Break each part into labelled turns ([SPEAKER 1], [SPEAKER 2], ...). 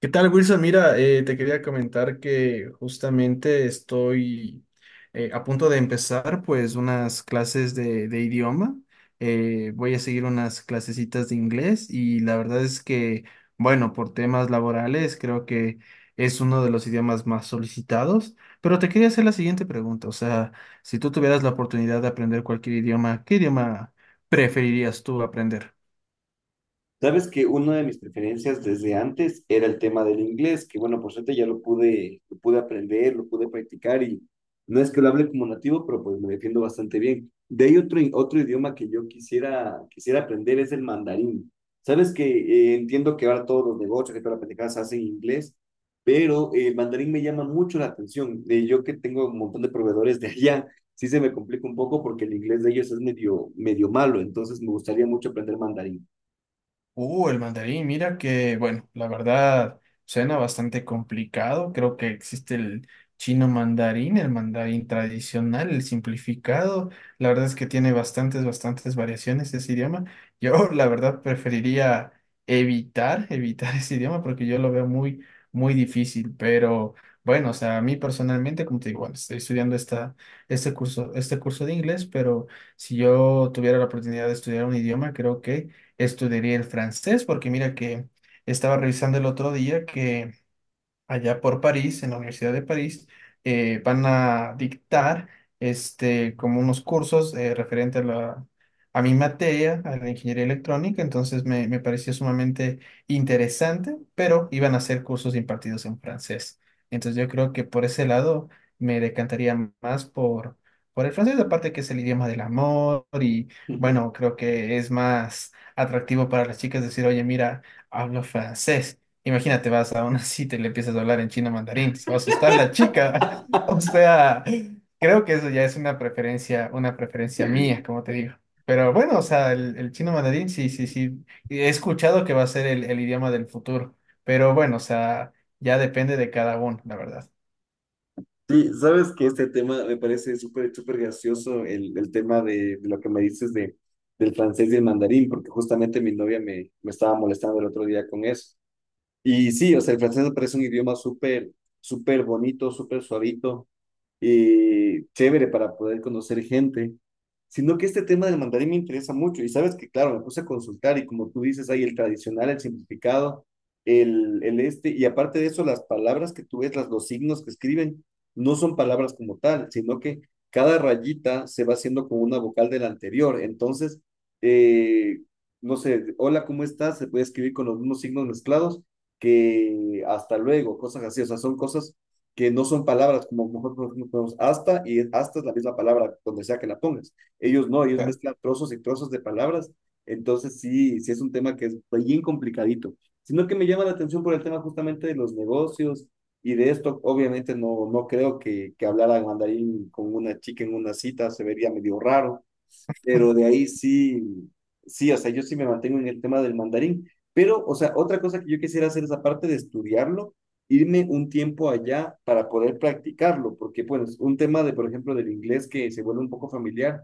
[SPEAKER 1] ¿Qué tal, Wilson? Mira, te quería comentar que justamente estoy a punto de empezar pues unas clases de idioma. Voy a seguir unas clasecitas de inglés y la verdad es que, bueno, por temas laborales creo que es uno de los idiomas más solicitados. Pero te quería hacer la siguiente pregunta, o sea, si tú tuvieras la oportunidad de aprender cualquier idioma, ¿qué idioma preferirías tú aprender?
[SPEAKER 2] Sabes que una de mis preferencias desde antes era el tema del inglés, que bueno, por suerte ya lo pude aprender, lo pude practicar y no es que lo hable como nativo, pero pues me defiendo bastante bien. De ahí otro, otro idioma que yo quisiera aprender es el mandarín. Sabes que entiendo que ahora todos los negocios, que todas las pendejadas se hacen en inglés, pero el mandarín me llama mucho la atención. Yo que tengo un montón de proveedores de allá, sí se me complica un poco porque el inglés de ellos es medio, medio malo, entonces me gustaría mucho aprender mandarín.
[SPEAKER 1] El mandarín, mira que, bueno, la verdad suena bastante complicado. Creo que existe el chino mandarín, el mandarín tradicional, el simplificado. La verdad es que tiene bastantes, bastantes variaciones ese idioma. Yo, la verdad, preferiría evitar ese idioma porque yo lo veo muy, muy difícil. Pero bueno, o sea, a mí personalmente, como te digo, bueno, estoy estudiando este curso de inglés, pero si yo tuviera la oportunidad de estudiar un idioma, creo que estudiaría el francés, porque mira que estaba revisando el otro día que allá por París, en la Universidad de París, van a dictar este, como unos cursos referente a mi materia, a la ingeniería electrónica, entonces me pareció sumamente interesante, pero iban a ser cursos impartidos en francés. Entonces yo creo que por ese lado me decantaría más por el francés, aparte que es el idioma del amor y bueno, creo que es más atractivo para las chicas decir, oye, mira, hablo francés. Imagínate, vas a una cita y le empiezas a hablar en chino mandarín, se va a asustar la chica. O sea, creo que eso ya es una preferencia mía, como te digo. Pero bueno, o sea, el chino mandarín, sí, sí, sí. He escuchado que va a ser el idioma del futuro. Pero bueno, o sea, ya depende de cada uno, la verdad.
[SPEAKER 2] Sí, sabes que este tema me parece súper, súper gracioso, el tema de lo que me dices de, del francés y el mandarín, porque justamente mi novia me estaba molestando el otro día con eso. Y sí, o sea, el francés me parece un idioma súper, súper bonito, súper suavito chévere para poder conocer gente, sino que este tema del mandarín me interesa mucho y sabes que, claro, me puse a consultar y como tú dices, hay el tradicional, el simplificado, el este, y aparte de eso, las palabras que tú ves, las, los signos que escriben, no son palabras como tal, sino que cada rayita se va haciendo como una vocal de la anterior, entonces, eh, no sé, hola, ¿cómo estás? Se puede escribir con los mismos signos mezclados que hasta luego, cosas así, o sea, son cosas que no son palabras como nosotros ponemos hasta, y hasta es la misma palabra donde sea que la pongas. Ellos no, ellos
[SPEAKER 1] Claro.
[SPEAKER 2] mezclan trozos y trozos de palabras, entonces sí, sí es un tema que es bien complicadito, sino que me llama la atención por el tema justamente de los negocios y de esto, obviamente no, no creo que hablar al mandarín con una chica en una cita se vería medio raro, pero de ahí sí, sí, o sea, yo sí me mantengo en el tema del mandarín, pero, o sea, otra cosa que yo quisiera hacer es aparte de estudiarlo, irme un tiempo allá para poder practicarlo, porque pues un tema de, por ejemplo, del inglés que se vuelve un poco familiar,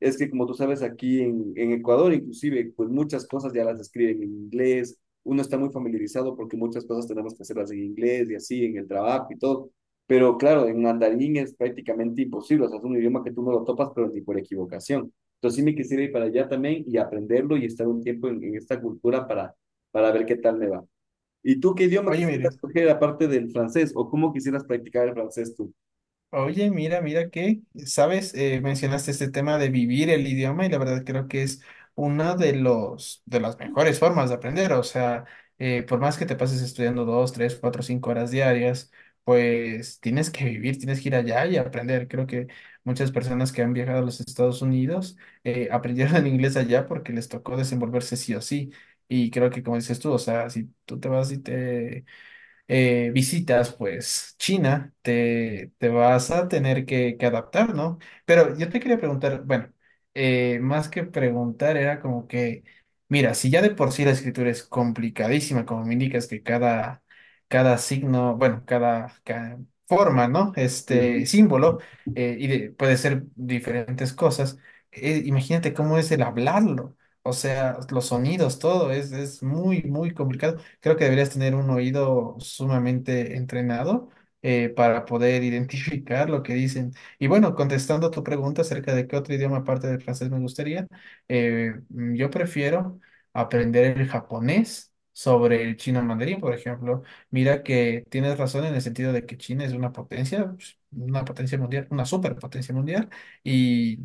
[SPEAKER 2] es que como tú sabes, aquí en Ecuador inclusive, pues muchas cosas ya las escriben en inglés, uno está muy familiarizado porque muchas cosas tenemos que hacerlas en inglés y así, en el trabajo y todo. Pero claro, en mandarín es prácticamente imposible, o sea, es un idioma que tú no lo topas, pero ni por equivocación. Entonces sí me quisiera ir para allá también y aprenderlo y estar un tiempo en esta cultura para ver qué tal me va. ¿Y tú qué idioma
[SPEAKER 1] Oye,
[SPEAKER 2] quisieras
[SPEAKER 1] Mirio.
[SPEAKER 2] coger aparte del francés o cómo quisieras practicar el francés tú?
[SPEAKER 1] Oye, mira que, sabes, mencionaste este tema de vivir el idioma y la verdad creo que es una de las mejores formas de aprender. O sea, por más que te pases estudiando 2, 3, 4, 5 horas diarias, pues tienes que vivir, tienes que ir allá y aprender. Creo que muchas personas que han viajado a los Estados Unidos aprendieron inglés allá porque les tocó desenvolverse sí o sí. Y creo que como dices tú, o sea, si tú te vas y te visitas pues China, te vas a tener que adaptar, ¿no? Pero yo te quería preguntar, bueno, más que preguntar era como que, mira, si ya de por sí la escritura es complicadísima, como me indicas que cada signo, bueno, forma, ¿no? Este
[SPEAKER 2] Ujú.
[SPEAKER 1] símbolo, puede ser diferentes cosas, imagínate cómo es el hablarlo. O sea, los sonidos, todo es muy, muy complicado creo que deberías tener un oído sumamente entrenado para poder identificar lo que dicen. Y bueno, contestando tu pregunta acerca de qué otro idioma aparte del francés me gustaría, yo prefiero aprender el japonés sobre el chino mandarín, por ejemplo. Mira que tienes razón en el sentido de que China es una potencia, pues, una potencia mundial, una superpotencia mundial, y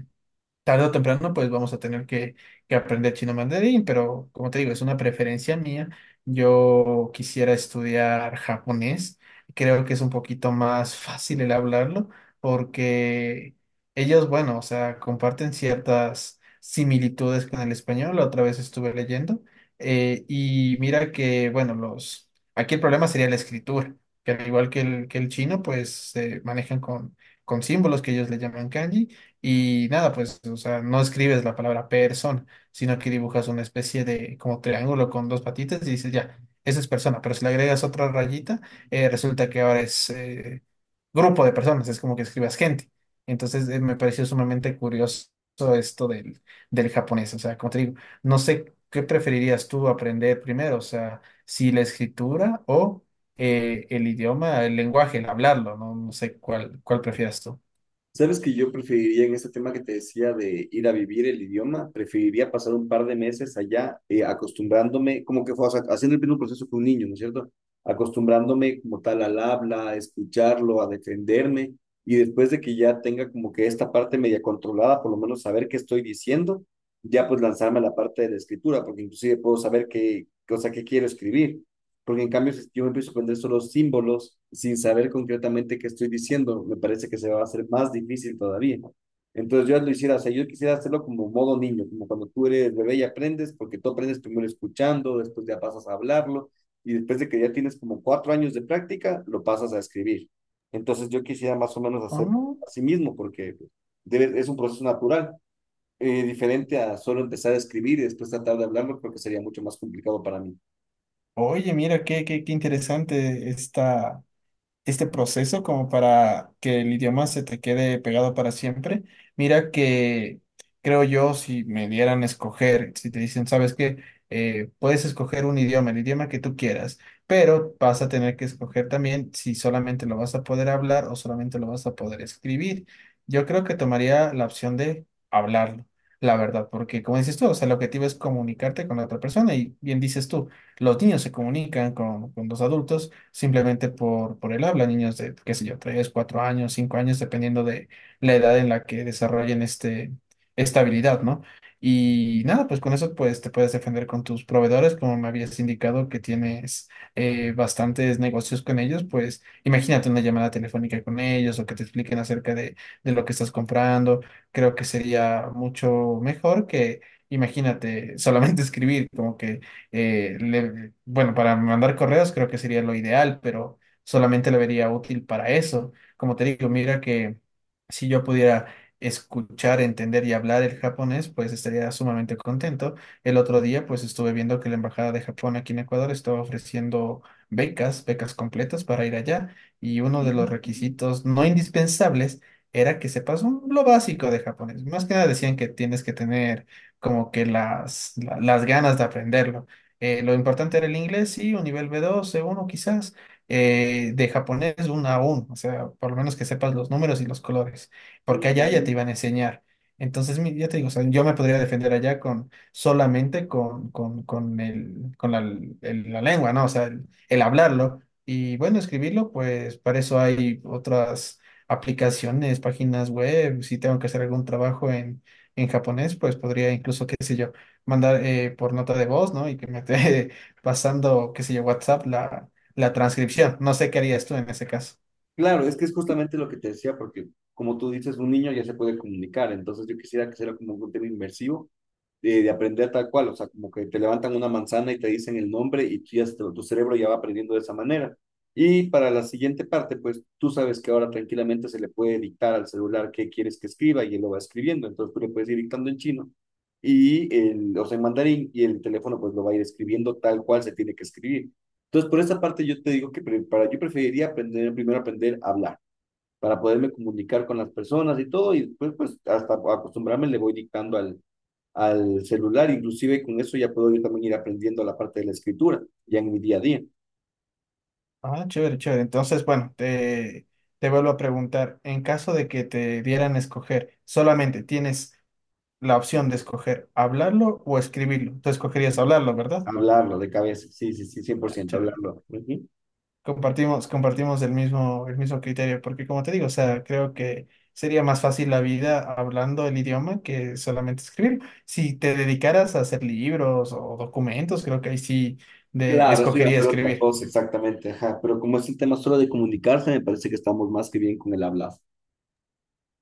[SPEAKER 1] tarde o temprano, pues vamos a tener que aprender chino mandarín, pero como te digo, es una preferencia mía. Yo quisiera estudiar japonés. Creo que es un poquito más fácil el hablarlo porque ellos, bueno, o sea, comparten ciertas similitudes con el español. La otra vez estuve leyendo y mira que, bueno, los... Aquí el problema sería la escritura, que al igual que el chino, pues se manejan con símbolos que ellos le llaman kanji y nada, pues, o sea, no escribes la palabra persona, sino que dibujas una especie de como triángulo con dos patitas y dices, ya, eso es persona, pero si le agregas otra rayita, resulta que ahora es grupo de personas, es como que escribas gente. Entonces, me pareció sumamente curioso esto del japonés, o sea, como te digo, no sé qué preferirías tú aprender primero, o sea, si la escritura o el idioma, el lenguaje, el hablarlo, no, no sé cuál prefieras tú.
[SPEAKER 2] Sabes que yo preferiría en este tema que te decía de ir a vivir el idioma, preferiría pasar un par de meses allá acostumbrándome, como que fue, o sea, haciendo el mismo proceso que un niño, ¿no es cierto? Acostumbrándome como tal al habla, a escucharlo, a defenderme y después de que ya tenga como que esta parte media controlada, por lo menos saber qué estoy diciendo, ya pues lanzarme a la parte de la escritura, porque inclusive puedo saber qué cosa que quiero escribir. Porque en cambio, si yo me empiezo a aprender solo símbolos sin saber concretamente qué estoy diciendo, me parece que se va a hacer más difícil todavía. Entonces yo lo hiciera, o sea, yo quisiera hacerlo como modo niño, como cuando tú eres bebé y aprendes, porque tú aprendes primero escuchando, después ya pasas a hablarlo, y después de que ya tienes como 4 años de práctica, lo pasas a escribir. Entonces yo quisiera más o menos hacer
[SPEAKER 1] Ah.
[SPEAKER 2] así mismo, porque es un proceso natural, diferente a solo empezar a escribir y después tratar de hablarlo, porque sería mucho más complicado para mí.
[SPEAKER 1] Oye, mira, qué interesante está este proceso como para que el idioma se te quede pegado para siempre. Mira que creo yo, si me dieran a escoger, si te dicen, sabes que puedes escoger un idioma, el idioma que tú quieras, pero vas a tener que escoger también si solamente lo vas a poder hablar o solamente lo vas a poder escribir. Yo creo que tomaría la opción de hablarlo. La verdad, porque como dices tú, o sea, el objetivo es comunicarte con la otra persona y bien dices tú, los niños se comunican con los adultos simplemente por el habla, niños de, qué sé yo, 3 4 años, 5 años, dependiendo de la edad en la que desarrollen esta habilidad, ¿no? Y nada, pues con eso pues te puedes defender con tus proveedores, como me habías indicado que tienes bastantes negocios con ellos, pues imagínate una llamada telefónica con ellos o que te expliquen acerca de lo que estás comprando, creo que sería mucho mejor que, imagínate, solamente escribir, como que bueno, para mandar correos creo que sería lo ideal, pero solamente lo vería útil para eso. Como te digo, mira que si yo pudiera escuchar, entender y hablar el japonés, pues estaría sumamente contento. El otro día, pues estuve viendo que la Embajada de Japón aquí en Ecuador estaba ofreciendo becas, becas completas para ir allá, y uno de
[SPEAKER 2] Ujú.
[SPEAKER 1] los requisitos no indispensables era que sepas un- lo básico de japonés. Más que nada decían que tienes que tener como que las ganas de aprenderlo. Lo importante era el inglés, sí, un nivel B2, C1 quizás, de japonés un A1, o sea, por lo menos que sepas los números y los colores, porque allá ya te
[SPEAKER 2] Mm,
[SPEAKER 1] iban a enseñar. Entonces, ya te digo, o sea, yo me podría defender allá con solamente con el, con la, el- la lengua, ¿no? O sea, el hablarlo. Y bueno, escribirlo, pues para eso hay otras aplicaciones, páginas web. Si tengo que hacer algún trabajo en japonés, pues podría incluso, qué sé yo mandar por nota de voz, ¿no? Y que me esté pasando, qué sé yo, WhatsApp la transcripción. No sé qué harías tú en ese caso.
[SPEAKER 2] Claro, es que es justamente lo que te decía, porque como tú dices, un niño ya se puede comunicar, entonces yo quisiera que sea como un tema inmersivo de aprender tal cual, o sea, como que te levantan una manzana y te dicen el nombre y tú ya, tu cerebro ya va aprendiendo de esa manera. Y para la siguiente parte, pues tú sabes que ahora tranquilamente se le puede dictar al celular qué quieres que escriba y él lo va escribiendo, entonces tú le puedes ir dictando en chino y el, o sea, en mandarín y el teléfono pues lo va a ir escribiendo tal cual se tiene que escribir. Entonces, por esa parte yo te digo que yo preferiría aprender, primero aprender a hablar, para poderme comunicar con las personas y todo, y después pues hasta acostumbrarme le voy dictando al celular, inclusive con eso ya puedo yo también ir aprendiendo la parte de la escritura, ya en mi día a día,
[SPEAKER 1] Ah, chévere, chévere. Entonces, bueno, te vuelvo a preguntar, en caso de que te dieran a escoger, solamente tienes la opción de escoger hablarlo o escribirlo. Tú escogerías hablarlo, ¿verdad?
[SPEAKER 2] hablarlo de cabeza, sí, sí, sí, cien por
[SPEAKER 1] Ya,
[SPEAKER 2] ciento
[SPEAKER 1] chévere.
[SPEAKER 2] hablarlo. Ujú.
[SPEAKER 1] Compartimos, compartimos el mismo criterio, porque como te digo, o sea, creo que sería más fácil la vida hablando el idioma que solamente escribir. Si te dedicaras a hacer libros o documentos, creo que ahí sí de,
[SPEAKER 2] Claro, eso ya
[SPEAKER 1] escogería
[SPEAKER 2] fue otra
[SPEAKER 1] escribir.
[SPEAKER 2] cosa, exactamente, ajá, pero como es el tema solo de comunicarse, me parece que estamos más que bien con el hablar.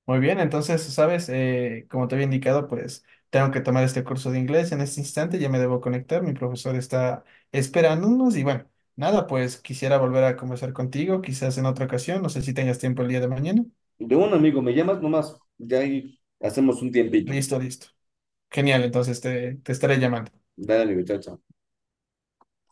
[SPEAKER 1] Muy bien, entonces, sabes, como te había indicado, pues tengo que tomar este curso de inglés en este instante, ya me debo conectar, mi profesor está esperándonos y bueno, nada, pues quisiera volver a conversar contigo, quizás en otra ocasión, no sé si tengas tiempo el día de mañana.
[SPEAKER 2] De un amigo, me llamas nomás, ya ahí hacemos un tiempito.
[SPEAKER 1] Listo, listo. Genial, entonces te estaré llamando.
[SPEAKER 2] Dale, chao, chao.